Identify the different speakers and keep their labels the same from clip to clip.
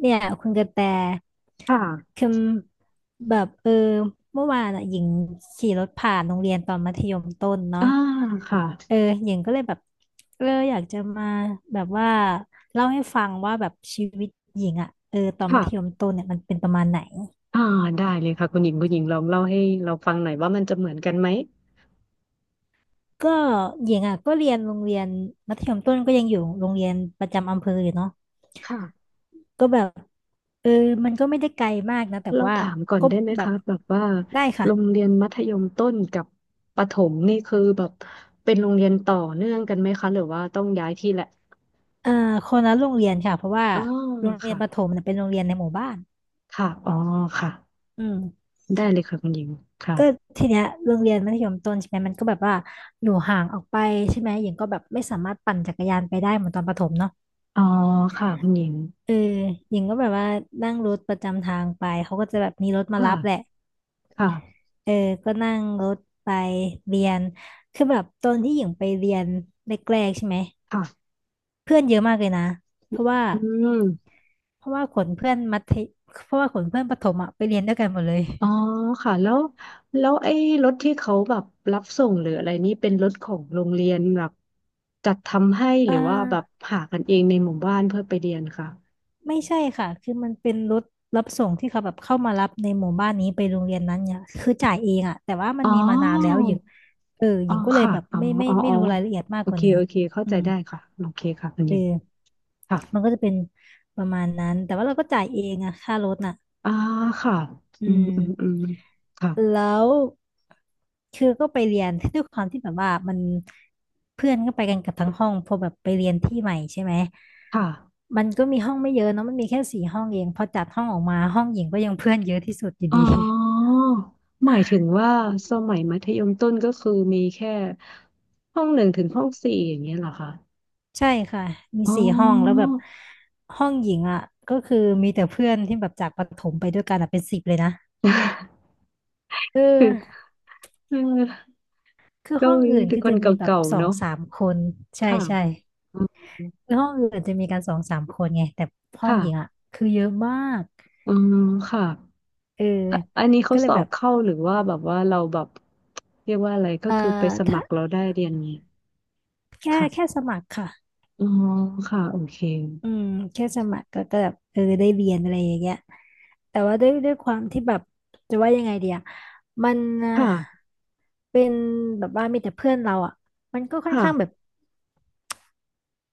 Speaker 1: เนี่ยคุณกระแต
Speaker 2: ค่ะ
Speaker 1: คือแบบเมื่อวานอ่ะหญิงขี่รถผ่านโรงเรียนตอนมัธยมต้นเนาะ
Speaker 2: อ่าค่ะ
Speaker 1: เออหญิงก็เลยแบบอยากจะมาแบบว่าเล่าให้ฟังว่าแบบชีวิตหญิงอ่ะตอนมัธยม
Speaker 2: ค่ะ
Speaker 1: ต้นเนี่ยมันเป็นประมาณไหน
Speaker 2: อ่าได้เลยค่ะคุณหญิงคุณหญิงลองเล่าให้เราฟังหน่อยว่ามันจะเหมือนกันไหม
Speaker 1: ก็หญิงอ่ะก็เรียนโรงเรียนมัธยมต้นก็ยังอยู่โรงเรียนประจำอำเภออยู่เนาะ
Speaker 2: ค่ะ
Speaker 1: ก็แบบเออมันก็ไม่ได้ไกลมากนะแต่
Speaker 2: เรา
Speaker 1: ว่า
Speaker 2: ถามก่อน
Speaker 1: ก็
Speaker 2: ได้ไหม
Speaker 1: แบบ
Speaker 2: คะแบบว่า
Speaker 1: ได้ค่ะ
Speaker 2: โรงเรียนมัธยมต้นกับประถมนี่คือแบบเป็นโรงเรียนต่อเนื่องกันไหมคะหรือว่าต้องย้ายที่แหละ
Speaker 1: เอ่อคนละโรงเรียนค่ะเพราะว่า
Speaker 2: อ๋อ
Speaker 1: โรงเรียน
Speaker 2: ค่ะ
Speaker 1: ประถมเนี่ยเป็นโรงเรียนในหมู่บ้าน
Speaker 2: ค่ะ อ๋อค่ะ
Speaker 1: อืม
Speaker 2: ได้เลยค่ะคุณหญิงค่ะ
Speaker 1: ก็ทีเนี้ยโรงเรียนมัธยมต้นใช่ไหมมันก็แบบว่าอยู่ห่างออกไปใช่ไหมหญิงก็แบบไม่สามารถปั่นจักรยานไปได้เหมือนตอนประถมเนาะ
Speaker 2: อ๋อค่ะคุณหญิง
Speaker 1: เออหญิงก็แบบว่านั่งรถประจำทางไปเขาก็จะแบบมีรถมา
Speaker 2: ค่ะ
Speaker 1: รับแหละ
Speaker 2: ค่ะ
Speaker 1: เออก็นั่งรถไปเรียนคือแบบตอนที่หญิงไปเรียนแรกๆใช่ไหม
Speaker 2: ค่ะ
Speaker 1: เพื่อนเยอะมากเลยนะเพราะว่า
Speaker 2: อืม
Speaker 1: เพราะว่าขนเพื่อนมัธยเพราะว่าขนเพื่อนประถมอะไปเรียนด้วยกันหมดเลย
Speaker 2: อ๋อค่ะแล้วไอ้รถที่เขาแบบรับส่งหรืออะไรนี่เป็นรถของโรงเรียนแบบจัดทำให้ห
Speaker 1: เอ่
Speaker 2: รือว่าแบบ
Speaker 1: อ
Speaker 2: หากันเองในหมู่บ้านเพื่อไปเรียนค่ะ
Speaker 1: ไม่ใช่ค่ะคือมันเป็นรถรับส่งที่เขาแบบเข้ามารับในหมู่บ้านนี้ไปโรงเรียนนั้นเนี่ยคือจ่ายเองอะแต่ว่ามัน
Speaker 2: อ๋อ
Speaker 1: มีมานานแล้วหญิงห
Speaker 2: อ๋อ
Speaker 1: ญิงก็เลย
Speaker 2: ค่ะ
Speaker 1: แบบ
Speaker 2: อ๋อ
Speaker 1: ไม่ไม่
Speaker 2: อ๋อ
Speaker 1: ไม่
Speaker 2: อ๋อ
Speaker 1: รู้รายละเอียดมาก
Speaker 2: โอ
Speaker 1: ก
Speaker 2: เค
Speaker 1: ว่านี้
Speaker 2: โอเคเข้า
Speaker 1: อื
Speaker 2: ใจ
Speaker 1: ม
Speaker 2: ได้ค่ะโอเคค่ะคุณ
Speaker 1: เ
Speaker 2: หญิง
Speaker 1: ออ
Speaker 2: ค่ะ
Speaker 1: มันก็จะเป็นประมาณนั้นแต่ว่าเราก็จ่ายเองอะค่ารถน่ะ
Speaker 2: อ่าค่ะ
Speaker 1: อื
Speaker 2: อืม
Speaker 1: ม
Speaker 2: อืมอืมค่ะ
Speaker 1: แล้วคือก็ไปเรียน ด้วยความที่แบบว่ามันเพื่อนก็ไปกันกับทั้งห้องพอแบบไปเรียนที่ใหม่ใช่ไหม
Speaker 2: ค่ะ
Speaker 1: มันก็มีห้องไม่เยอะเนาะมันมีแค่สี่ห้องเองพอจัดห้องออกมาห้องหญิงก็ยังเพื่อนเยอะที่สุดอยู่
Speaker 2: อ๋
Speaker 1: ดี
Speaker 2: อหมายถึงว่าสมัยมัธยมต้นก็คือมีแค่ห้องหนึ่งถึงห้องสี่อย่างเงี้ยเหรอคะ
Speaker 1: ใช่ค่ะมี
Speaker 2: อ๋
Speaker 1: สี่ห้องแล้วแบ
Speaker 2: อ
Speaker 1: บห้องหญิงอ่ะก็คือมีแต่เพื่อนที่แบบจากประถมไปด้วยกันอะเป็นสิบเลยนะเออ
Speaker 2: คือคือ
Speaker 1: คือ
Speaker 2: เกา
Speaker 1: ห้อง
Speaker 2: หลี
Speaker 1: อื่น
Speaker 2: แต่
Speaker 1: คือ
Speaker 2: คน
Speaker 1: จะมีแบบ
Speaker 2: เก่า
Speaker 1: ส
Speaker 2: ๆ
Speaker 1: อง
Speaker 2: เนาะ
Speaker 1: สามคนใช่
Speaker 2: ค่ะ
Speaker 1: ใช่
Speaker 2: อืม
Speaker 1: ในห้องอื่นอาจจะมีกันสองสามคนไงแต่ห้อง
Speaker 2: ค่ะ
Speaker 1: หญิงอ่ะคือเยอะมาก
Speaker 2: อืมค่ะ
Speaker 1: เออ
Speaker 2: อะอันนี้เขา
Speaker 1: ก็เล
Speaker 2: ส
Speaker 1: ย
Speaker 2: อ
Speaker 1: แบ
Speaker 2: บ
Speaker 1: บ
Speaker 2: เข้าหรือว่าแบบว่าเราแบบเรียกว่าอะไรก็
Speaker 1: เอ่อ
Speaker 2: คือไปสมั
Speaker 1: ถ้า
Speaker 2: ครเราได้เรียนนี้
Speaker 1: แค่
Speaker 2: ค่ะ
Speaker 1: สมัครค่ะ
Speaker 2: อ๋อค่ะโอเค
Speaker 1: อืมแค่สมัครก็แบบได้เรียนอะไรอย่างเงี้ยแต่ว่าด้วยความที่แบบจะว่ายังไงเดีอะมัน
Speaker 2: ค่ะ
Speaker 1: เป็นแบบว่ามีแต่เพื่อนเราอ่ะมันก็ค่อน
Speaker 2: ค่ะ
Speaker 1: ข้างแบบ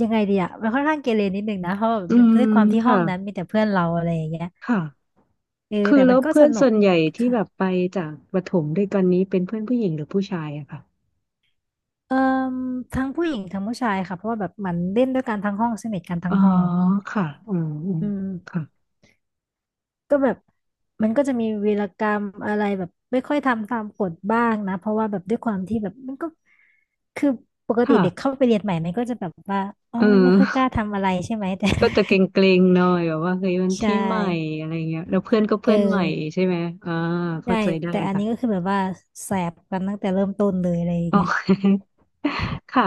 Speaker 1: ยังไงเดีอ่ะมันค่อนข้างเกเรนิดนึงนะเพราะว่า
Speaker 2: อื
Speaker 1: มัน
Speaker 2: ม
Speaker 1: ด้วยความที่ห้อ
Speaker 2: ค่ะ
Speaker 1: งนั้นมีแต่เพื่อนเราอะไรอย่างเงี้ย
Speaker 2: ค่ะคื
Speaker 1: แต่
Speaker 2: อ
Speaker 1: มั
Speaker 2: แล้
Speaker 1: น
Speaker 2: ว
Speaker 1: ก็
Speaker 2: เพื่
Speaker 1: ส
Speaker 2: อน
Speaker 1: นุ
Speaker 2: ส่
Speaker 1: ก
Speaker 2: วนใหญ่ที่
Speaker 1: ค่ะ
Speaker 2: แบบไปจากประถมด้วยกันนี้เป็นเพื่อนผู้หญิงหรือผู้ชายอะค่ะ
Speaker 1: เอ่อทั้งผู้หญิงทั้งผู้ชายค่ะเพราะว่าแบบมันเล่นด้วยกันทั้งห้องสนิทกันทั้
Speaker 2: อ๋
Speaker 1: ง
Speaker 2: อ
Speaker 1: ห้อง
Speaker 2: ค่ะอืมอืม
Speaker 1: อืม
Speaker 2: ค่ะ
Speaker 1: ก็แบบมันก็จะมีวีรกรรมอะไรแบบไม่ค่อยทำตามกฎบ้างนะเพราะว่าแบบด้วยความที่แบบมันก็คือปกติ
Speaker 2: ค่ะ
Speaker 1: เด็กเข้าไปเรียนใหม่มันก็จะแบบว่าอ๋อ
Speaker 2: เอ
Speaker 1: ไม่ค่อยกล้า
Speaker 2: อ
Speaker 1: ทำอะไรใช่ไหมแต่
Speaker 2: ก็จะเกรงๆหน่อยแบบว่าเฮ้ยมัน
Speaker 1: ใช่
Speaker 2: ที่ใหม่อะไรเงี้ยแล้วเพื่อนก็
Speaker 1: เอ
Speaker 2: เพื่อนใหม่
Speaker 1: อ
Speaker 2: ใช่ไหมอ่า
Speaker 1: ใช่
Speaker 2: เข้าใจได้
Speaker 1: แต่อัน
Speaker 2: ค่ะ
Speaker 1: นี้ก็คือแบบว่าแสบกันตั้งแต่เริ่มต้นเลยอะไรอย่าง
Speaker 2: อ๋อ
Speaker 1: เงี้ย
Speaker 2: ค่ะ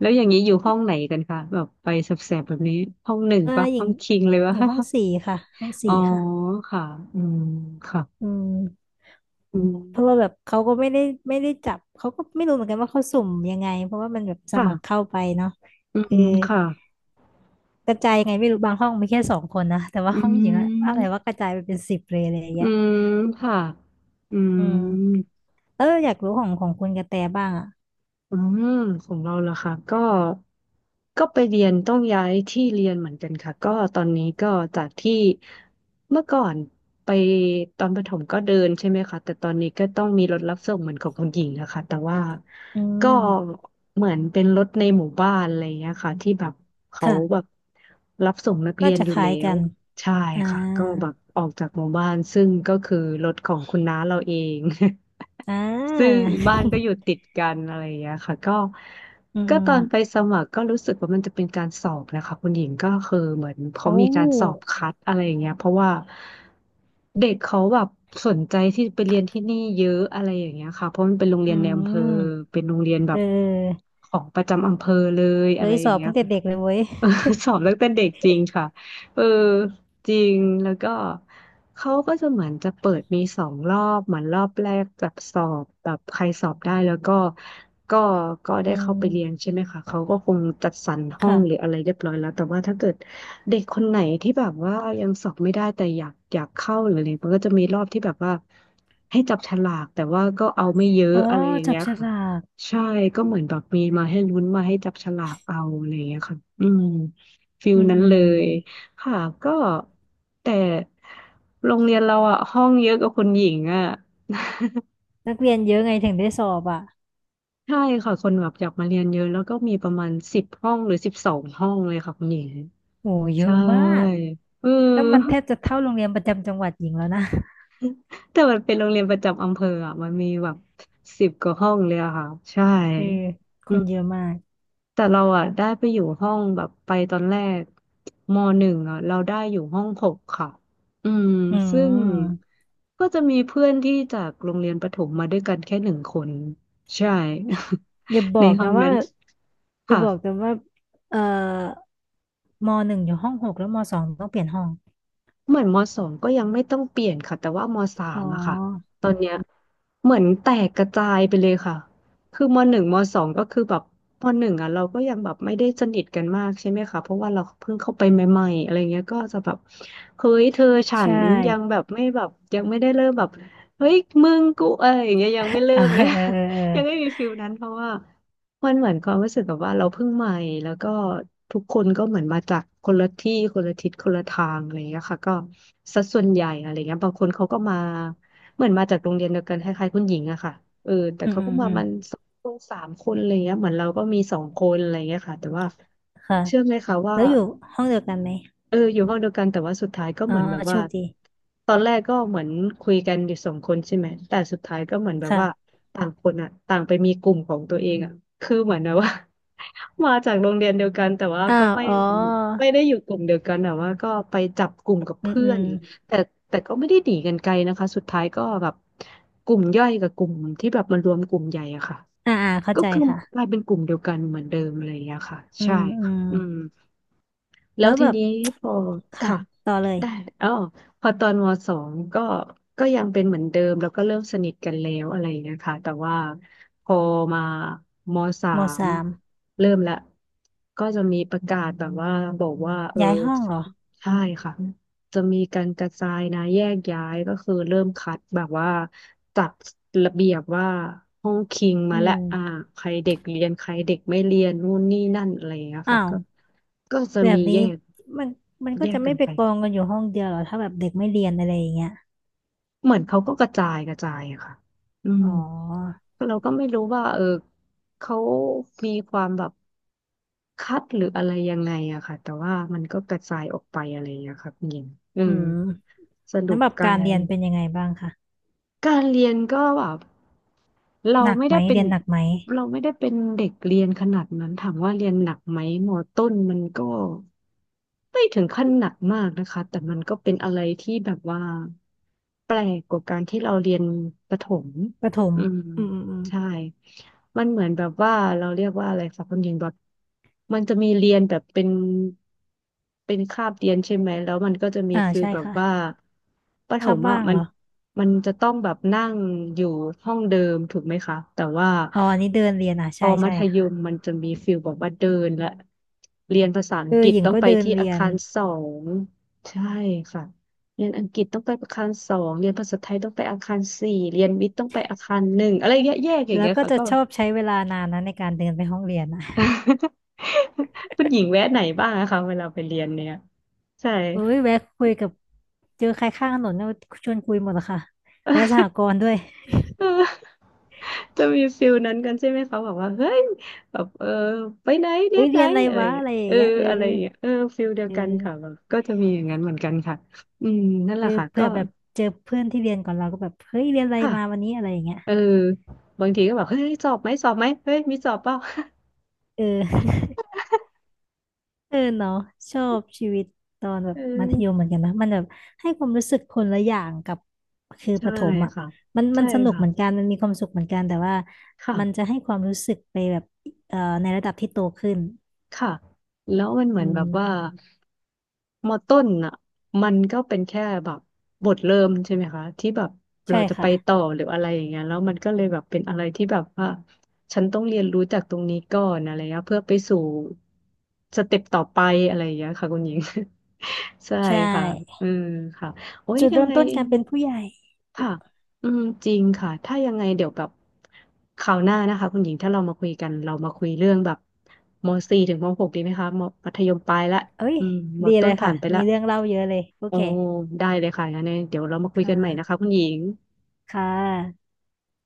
Speaker 2: แล้วอย่างนี้อยู่ห้องไหนกันคะแบบไปแสบๆแบบนี้ห้องหนึ่งปะ
Speaker 1: หญิ
Speaker 2: ห้อ
Speaker 1: ง
Speaker 2: งคิงเลยวะ
Speaker 1: อยู่ห้องสี่ค่ะห้อง
Speaker 2: อ๋
Speaker 1: สี่
Speaker 2: อ
Speaker 1: ค่ะ
Speaker 2: ค่ะอืมค่ะ
Speaker 1: อืม
Speaker 2: อืม
Speaker 1: เพราะว่าแบบเขาก็ไม่ได้จับเขาก็ไม่รู้เหมือนกันว่าเขาสุ่มยังไงเพราะว่ามันแบบสมัคร
Speaker 2: ค่ะ
Speaker 1: เข้าไปเนาะ
Speaker 2: อื
Speaker 1: เออ
Speaker 2: มค่ะ
Speaker 1: กระจายยังไงไม่รู้บางห้องมีแค่สองคนนะแต่ว่า
Speaker 2: อื
Speaker 1: ห้องหญิงอะอะไร
Speaker 2: ม
Speaker 1: ว่ากระจายไปเป็นสิบเลยอะไรอย่าง
Speaker 2: อื
Speaker 1: เงี้ย
Speaker 2: มค่ะอื
Speaker 1: อืม
Speaker 2: ม
Speaker 1: อยากรู้ของคุณกระแตบ้างอ่ะ
Speaker 2: อืมของเราล่ะค่ะก็ก็ไปเรียนต้องย้ายที่เรียนเหมือนกันค่ะก็ตอนนี้ก็จากที่เมื่อก่อนไปตอนประถมก็เดินใช่ไหมคะแต่ตอนนี้ก็ต้องมีรถรับส่งเหมือนของคุณหญิงนะคะแต่ว่า
Speaker 1: อื
Speaker 2: ก็
Speaker 1: ม
Speaker 2: เหมือนเป็นรถในหมู่บ้านอะไรอย่างเงี้ยค่ะที่แบบเขาแบ
Speaker 1: ค่ะ
Speaker 2: บรับส่งนักเรี
Speaker 1: น่า
Speaker 2: ยน
Speaker 1: จะ
Speaker 2: อ
Speaker 1: ค
Speaker 2: ยู่
Speaker 1: ล้า
Speaker 2: แล้
Speaker 1: ยกั
Speaker 2: ว
Speaker 1: น
Speaker 2: ใช่
Speaker 1: อ่า
Speaker 2: ค่ะก็แบบออกจากหมู่บ้านซึ่งก็คือรถของคุณน้าเราเอง
Speaker 1: อ่
Speaker 2: ซึ่ง
Speaker 1: า
Speaker 2: บ้านก็อยู่ติดกันอะไรอย่างเงี้ยค่ะก็
Speaker 1: อืม
Speaker 2: ก็
Speaker 1: อื
Speaker 2: ต
Speaker 1: ม
Speaker 2: อนไปสมัครก็รู้สึกว่ามันจะเป็นการสอบนะคะคุณหญิงก็คือเหมือนเขา
Speaker 1: โอ้
Speaker 2: มีการสอบคัดอะไรอย่างเงี้ยเพราะว่าเด็กเขาแบบสนใจที่ไปเรียนที่นี่เยอะอะไรอย่างเงี้ยค่ะเพราะมันเป็นโรงเรี
Speaker 1: อื
Speaker 2: ยนในอำเภอ
Speaker 1: ม
Speaker 2: เป็นโรงเรียนแบ
Speaker 1: เ
Speaker 2: บ
Speaker 1: ออ
Speaker 2: ของประจำอำเภอเลยอะ
Speaker 1: เฮ้
Speaker 2: ไร
Speaker 1: ย
Speaker 2: อ
Speaker 1: ส
Speaker 2: ย่า
Speaker 1: อ
Speaker 2: ง
Speaker 1: บ
Speaker 2: เงี้ย
Speaker 1: ตั้งแต่
Speaker 2: ค่ะ
Speaker 1: เด็กเลยเว้ย
Speaker 2: เออ สอบตั้งแต่เด็กจริงค่ะเออจริงแล้วก็เขาก็จะเหมือนจะเปิดมีสองรอบเหมือนรอบแรกแบบสอบแบบใครสอบได้แล้วก็ก็
Speaker 1: อื
Speaker 2: ได้เข้าไปเรียน
Speaker 1: ม
Speaker 2: ใช่ไหมคะเขาก็คงจัดสรรห้องหรือ
Speaker 1: ค่ะ
Speaker 2: อะไรเรียบร้อยแล้วแต่ว่าถ้าเกิดเด็กคนไหนที่แบบว่ายังสอบไม่ได้แต่อยากเข้าหรืออะไรมันก็จะมีรอบที่แบบว่าให้จับฉลากแต่ว่าก็เอาไม่เยอะ
Speaker 1: อ๋อ
Speaker 2: อะไรอย่าง
Speaker 1: จั
Speaker 2: เงี้
Speaker 1: บ
Speaker 2: ย
Speaker 1: ฉ
Speaker 2: ค่ะ
Speaker 1: ลาก
Speaker 2: ใช่ก็เหมือนแบบมีมาให้ลุ้นมาให้จับฉลากเอาอะไรอย่างเงี้ยค่ะอืมฟิล
Speaker 1: อืม
Speaker 2: นั้น
Speaker 1: อื
Speaker 2: เล
Speaker 1: ม
Speaker 2: ยค่ะก็แต่โรงเรียนเราอะห้องเยอะกว่าคนหญิงอะ
Speaker 1: นักเรียนเยอะไงถึงได้สอบอ่ะ
Speaker 2: ใช่ค่ะคนแบบอยากมาเรียนเยอะแล้วก็มีประมาณสิบห้องหรือสิบสองห้องเลยค่ะคุณหญิง
Speaker 1: โอ้เย
Speaker 2: ใช่
Speaker 1: อะมาก
Speaker 2: เอ
Speaker 1: แล้วมันแท
Speaker 2: อ
Speaker 1: บจะเท่าโรงเรียนประจำจังหวัดหญิงแล้วนะ
Speaker 2: แต่มันเป็นโรงเรียนประจำอำเภออะมันมีแบบสิบกว่าห้องเลยอะค่ะใช่
Speaker 1: เออค
Speaker 2: อื
Speaker 1: นเยอะมาก
Speaker 2: แต่เราอ่ะได้ไปอยู่ห้องแบบไปตอนแรกมหนึ่งอ่ะเราได้อยู่ห้องหกค่ะอืม
Speaker 1: อื
Speaker 2: ซึ่ง
Speaker 1: ม
Speaker 2: ก็จะมีเพื่อนที่จากโรงเรียนประถมมาด้วยกันแค่หนึ่งคนใช่
Speaker 1: อย่าบ
Speaker 2: ใน
Speaker 1: อก
Speaker 2: ห้อ
Speaker 1: นะ
Speaker 2: ง
Speaker 1: ว่า
Speaker 2: นั้น
Speaker 1: อย่า
Speaker 2: ค่ะ
Speaker 1: บอกแต่ว่าเอ่อมหนึ่งอยู่ห้องหกแล้วมสองต้องเปลี่ยนห้อง
Speaker 2: เหมือนมสองก็ยังไม่ต้องเปลี่ยนค่ะแต่ว่ามสา
Speaker 1: อ๋อ
Speaker 2: มอะค่ะตอนเนี้ยเหมือนแตกกระจายไปเลยค่ะคือมหนึ่งมสองก็คือแบบมหนึ่งอะเราก็ยังแบบไม่ได้สนิทกันมากใช่ไหมคะเพราะว่าเราเพิ่งเข้าไปใหม่ๆอะไรเงี้ยก็จะแบบเฮ้ยเธอฉั
Speaker 1: ใช่
Speaker 2: นยังแบบไม่แบบยังไม่ได้เริ่มแบบเฮ้ยมึงกูเอ้ยอย่างเงี้ยยังไม่ เริ่
Speaker 1: เอา
Speaker 2: ม
Speaker 1: เอ
Speaker 2: เล
Speaker 1: อ
Speaker 2: ย
Speaker 1: เออเอ
Speaker 2: ยังไม่
Speaker 1: อ
Speaker 2: มีฟิลนั้นเพราะว่า มันเหมือนความรู้สึกแบบว่าเราเพิ่งใหม่แล้วก็ทุกคนก็เหมือนมาจากคนละที่คนละทิศคนละทางอะไรอย่างเงี้ยค่ะก็สัดส่วนใหญ่อะไรเงี้ยบางคนเขาก็มาเหมือนมาจากโรงเรียนเดียวกันคล้ายๆคุณหญิงอะค่ะเออแต่
Speaker 1: อืม
Speaker 2: เขา
Speaker 1: อื
Speaker 2: ก็
Speaker 1: ม
Speaker 2: มา
Speaker 1: อืม
Speaker 2: มันสองคนสามคนอะไรเงี้ยเหมือนเราก็มีสองคนอะไรเงี้ยค่ะแต่ว่า
Speaker 1: ค่ะ
Speaker 2: เชื่อไหมคะว่า
Speaker 1: แล้วอยู่ห้องเดียวกันไหม
Speaker 2: เอออยู่ห้องเดียวกันแต่ว่าสุดท้ายก็
Speaker 1: อ๋อ
Speaker 2: เหมือนแบบ
Speaker 1: โช
Speaker 2: ว่า
Speaker 1: คดี
Speaker 2: ตอนแรกก็เหมือนคุยกันอยู่สองคนใช่ไหมแต่สุดท้ายก็เหมือนแบบว่า
Speaker 1: ค่ะ
Speaker 2: ต่างคนอ่ะต่างไปมีกลุ่มของตัวเองอ่ะคือเหมือนแบบว่า มาจากโรงเรียนเดียวกันแต่ว่า
Speaker 1: อ้า
Speaker 2: ก็
Speaker 1: ว
Speaker 2: ไม่
Speaker 1: อ๋อ
Speaker 2: ไม่ได้อยู่กลุ่มเดียวกันแต่ว่าก็ไปจับกลุ่มกับ
Speaker 1: อืม
Speaker 2: เพื่
Speaker 1: อื
Speaker 2: อน
Speaker 1: ม
Speaker 2: อย่างงี้แต่แต่ก็ไม่ได้หนีกันไกลนะคะสุดท้ายก็แบบกลุ่มย่อยกับกลุ่มที่แบบมารวมกลุ่มใหญ่อะค่ะ
Speaker 1: อ่าอ่าเข้า
Speaker 2: ก็
Speaker 1: ใจ
Speaker 2: คือก
Speaker 1: ค่ะ
Speaker 2: ลายเป็นกลุ่มเดียวกันเหมือนเดิมอะไรอย่างเงี้ยค่ะ
Speaker 1: อื
Speaker 2: ใช่
Speaker 1: มอื
Speaker 2: ค่ะ
Speaker 1: ม
Speaker 2: อืม แล้
Speaker 1: แล้
Speaker 2: ว
Speaker 1: วแบ
Speaker 2: ที
Speaker 1: บ
Speaker 2: นี้พอ
Speaker 1: ค่ะ
Speaker 2: ค่ะ
Speaker 1: ต่อเลย
Speaker 2: ได้อ๋อพอตอนมสองก็ก็ยังเป็นเหมือนเดิมแล้วก็เริ่มสนิทกันแล้วอะไรอย่างเงี้ยค่ะแต่ว่าพอมามสา
Speaker 1: ม
Speaker 2: ม
Speaker 1: สาม
Speaker 2: เริ่มละก็จะมีประกาศแบบว่าบอกว่าเออ
Speaker 1: ย้ายห้องเหรอ
Speaker 2: ใช่ค่ะ จะมีการกระจายนะแยกย้ายก็คือเริ่มคัดแบบว่าจัดระเบียบว่าห้องคิง
Speaker 1: อื
Speaker 2: มาและ
Speaker 1: ม
Speaker 2: อ่าใครเด็กเรียนใครเด็กไม่เรียนนู่นนี่นั่นอะไรอย่างเงี้ย
Speaker 1: อ้า
Speaker 2: ค่ะ
Speaker 1: ว
Speaker 2: ก็ก็จะ
Speaker 1: แบบ
Speaker 2: มี
Speaker 1: นี้
Speaker 2: แยก
Speaker 1: มันมันก็
Speaker 2: แย
Speaker 1: จะ
Speaker 2: ก
Speaker 1: ไม่
Speaker 2: กัน
Speaker 1: ไป
Speaker 2: ไป
Speaker 1: กองกันอยู่ห้องเดียวเหรอถ้าแบบเด็กไม่เรียนอะไรอย่างเงี้ย
Speaker 2: เหมือนเขาก็กระจายกระจายอะค่ะอื
Speaker 1: อ๋
Speaker 2: ม
Speaker 1: อ
Speaker 2: เราก็ไม่รู้ว่าเออเขามีความแบบคัดหรืออะไรยังไงอะค่ะแต่ว่ามันก็กระจายออกไปอะไรอย่างเงี้ยค่ะคุณหญิงอื
Speaker 1: อื
Speaker 2: ม
Speaker 1: ม
Speaker 2: ส
Speaker 1: แล้
Speaker 2: รุ
Speaker 1: ว
Speaker 2: ป
Speaker 1: แบบ
Speaker 2: กั
Speaker 1: การเรีย
Speaker 2: ร
Speaker 1: นเป็นยังไงบ้างคะ
Speaker 2: การเรียนก็แบบเรา
Speaker 1: หนัก
Speaker 2: ไม่
Speaker 1: ไหม
Speaker 2: ได้เป็
Speaker 1: เรี
Speaker 2: น
Speaker 1: ยนหนักไหม
Speaker 2: เราไม่ได้เป็นเด็กเรียนขนาดนั้นถามว่าเรียนหนักไหมมอต้นมันก็ไม่ถึงขั้นหนักมากนะคะแต่มันก็เป็นอะไรที่แบบว่าแปลกกว่าการที่เราเรียนประถม
Speaker 1: ประถม
Speaker 2: อืม
Speaker 1: อืมอืมอืม
Speaker 2: ใช่ มันเหมือนแบบว่าเราเรียกว่าอะไรคะคุณหญิงแบบมันจะมีเรียนแบบเป็นคาบเรียนใช่ไหมแล้วมันก็จะมี
Speaker 1: อ่า
Speaker 2: ฟิล
Speaker 1: ใช่
Speaker 2: แบบ
Speaker 1: ค่ะ
Speaker 2: ว่าประถ
Speaker 1: คาบ
Speaker 2: ม
Speaker 1: ว่า
Speaker 2: อ่ะ
Speaker 1: ง
Speaker 2: มั
Speaker 1: เหร
Speaker 2: น
Speaker 1: อ
Speaker 2: มันจะต้องแบบนั่งอยู่ห้องเดิมถูกไหมคะแต่ว่า
Speaker 1: อ๋ออันนี้เดินเรียนอ่ะ
Speaker 2: พ
Speaker 1: ใช่
Speaker 2: อมั
Speaker 1: ใช่
Speaker 2: ธยม
Speaker 1: ค่ะ
Speaker 2: มันจะมีฟิลแบบว่าเดินและเรียนภาษาอังกฤษ
Speaker 1: หญิง
Speaker 2: ต้อง
Speaker 1: ก็
Speaker 2: ไป
Speaker 1: เดิน
Speaker 2: ที่
Speaker 1: เรี
Speaker 2: อา
Speaker 1: ยน
Speaker 2: คารสองใช่ค่ะ เรียนอังกฤษต้องไปอาคารสองเรียนภาษาไทยต้องไปอาคารสี่เรียนวิทย์ต้องไปอาคารหนึ่งอะไรเงี้ยแยกอย่าง
Speaker 1: แล้ว
Speaker 2: เงี้ย
Speaker 1: ก็
Speaker 2: ค่ะ
Speaker 1: จะ
Speaker 2: ก็
Speaker 1: ชอบใช้เวลานานนะในการเดินไปห้องเรียนอะ
Speaker 2: คุณหญิงแวะไหนบ้างอะคะเวลาไปเรียนเนี่ยใช่
Speaker 1: เอ้ยแวะคุยกับเจอใครข้างถนนเนี่ยชวนคุยหมดอะค่ะแวะสห กรณ์ด้วย
Speaker 2: เออจะมีฟิลนั้นกันใช่ไหมคะแบบว่าเฮ้ยแบบเออไปไหนเด
Speaker 1: เอ้ย
Speaker 2: ทไหน
Speaker 1: เรียนอะไร
Speaker 2: อะไรอ
Speaker 1: วะ
Speaker 2: ย่าง
Speaker 1: อะ
Speaker 2: เงี้ย
Speaker 1: ไรอย่า
Speaker 2: เอ
Speaker 1: ง
Speaker 2: อ
Speaker 1: เงี้ย
Speaker 2: อะไรอย่างเงี้ยเออฟิลเดีย
Speaker 1: เอ
Speaker 2: วกันค่ะแบ
Speaker 1: อ
Speaker 2: บก็จะมีอย่างนั้นเหมือนกันค่ะอืมนั่น
Speaker 1: เอ
Speaker 2: แห
Speaker 1: อ
Speaker 2: ละค่ะ
Speaker 1: เผื่
Speaker 2: ก็
Speaker 1: อแบบเจอเพื่อนที่เรียนก่อนเราก็แบบเฮ้ยเรียนอะไร
Speaker 2: ค่ะ
Speaker 1: มาวันนี้อะไรอย่างเงี้ย
Speaker 2: เออบางทีก็แบบเฮ้ยสอบไหมสอบไหมเฮ้ยมีสอบเปล่า
Speaker 1: เออ เออเนาะชอบชีวิตตอนแบบ
Speaker 2: เอ
Speaker 1: มัธยมเห
Speaker 2: อ
Speaker 1: มือนกันนะมันแบบให้ความรู้สึกคนละอย่างกับคือป
Speaker 2: ใช่
Speaker 1: ระถมอ่ะ
Speaker 2: ค่ะ
Speaker 1: มัน
Speaker 2: ใช่
Speaker 1: สนุกเหมือน
Speaker 2: ค่ะ
Speaker 1: กันมันมีความสุขเหมือนกันแต่ว่า
Speaker 2: ค่ะ
Speaker 1: มันจะให้ความรู้สึกไปแบบในระดับที่โตขึ้น
Speaker 2: ค่ะแล้วมันเหมื
Speaker 1: อื
Speaker 2: อนแบ
Speaker 1: ม
Speaker 2: บว่ามอต้นอ่ะมันก็เป็นแค่แบบบทเริ่มใช่ไหมคะที่แบบ
Speaker 1: ใช่
Speaker 2: เราจะไป
Speaker 1: ค่ะ
Speaker 2: ต่อหรืออะไรอย่างเงี้ยแล้วมันก็เลยแบบเป็นอะไรที่แบบว่าฉันต้องเรียนรู้จากตรงนี้ก่อนอะไรเงี้ยเพื่อไปสู่สเต็ปต่อไปอะไรอย่างเงี้ยค่ะคุณหญิง ใช่
Speaker 1: ใช
Speaker 2: ค่ะ
Speaker 1: ่
Speaker 2: อืมค่ะโอ้ย
Speaker 1: จุด
Speaker 2: ยั
Speaker 1: เริ่
Speaker 2: ง
Speaker 1: ม
Speaker 2: ไง
Speaker 1: ต้นการเป็นผู้ใหญ่
Speaker 2: ค่ะอืมจริงค่ะ ถ้ายังไงเดี๋ยวแบบคราวหน้านะคะคุณหญิงถ้าเรามาคุยกัน เรามาคุยเรื่องแบบมสี่ถึงมหกดีไหมคะมมัธยมปลายละ
Speaker 1: เอ้ย
Speaker 2: อืมม
Speaker 1: ดีเล
Speaker 2: ต้น
Speaker 1: ยค่ะ
Speaker 2: ผ่านไป
Speaker 1: มี
Speaker 2: ละ
Speaker 1: เรื่องเล่าเยอะเลย โอ
Speaker 2: โอ้
Speaker 1: เค
Speaker 2: ได้เลยค่ะงั้นเดี๋ยวเรามาคุย
Speaker 1: ค่
Speaker 2: กันใหม่นะคะ
Speaker 1: ะ
Speaker 2: คุณหญิง
Speaker 1: ค่ะ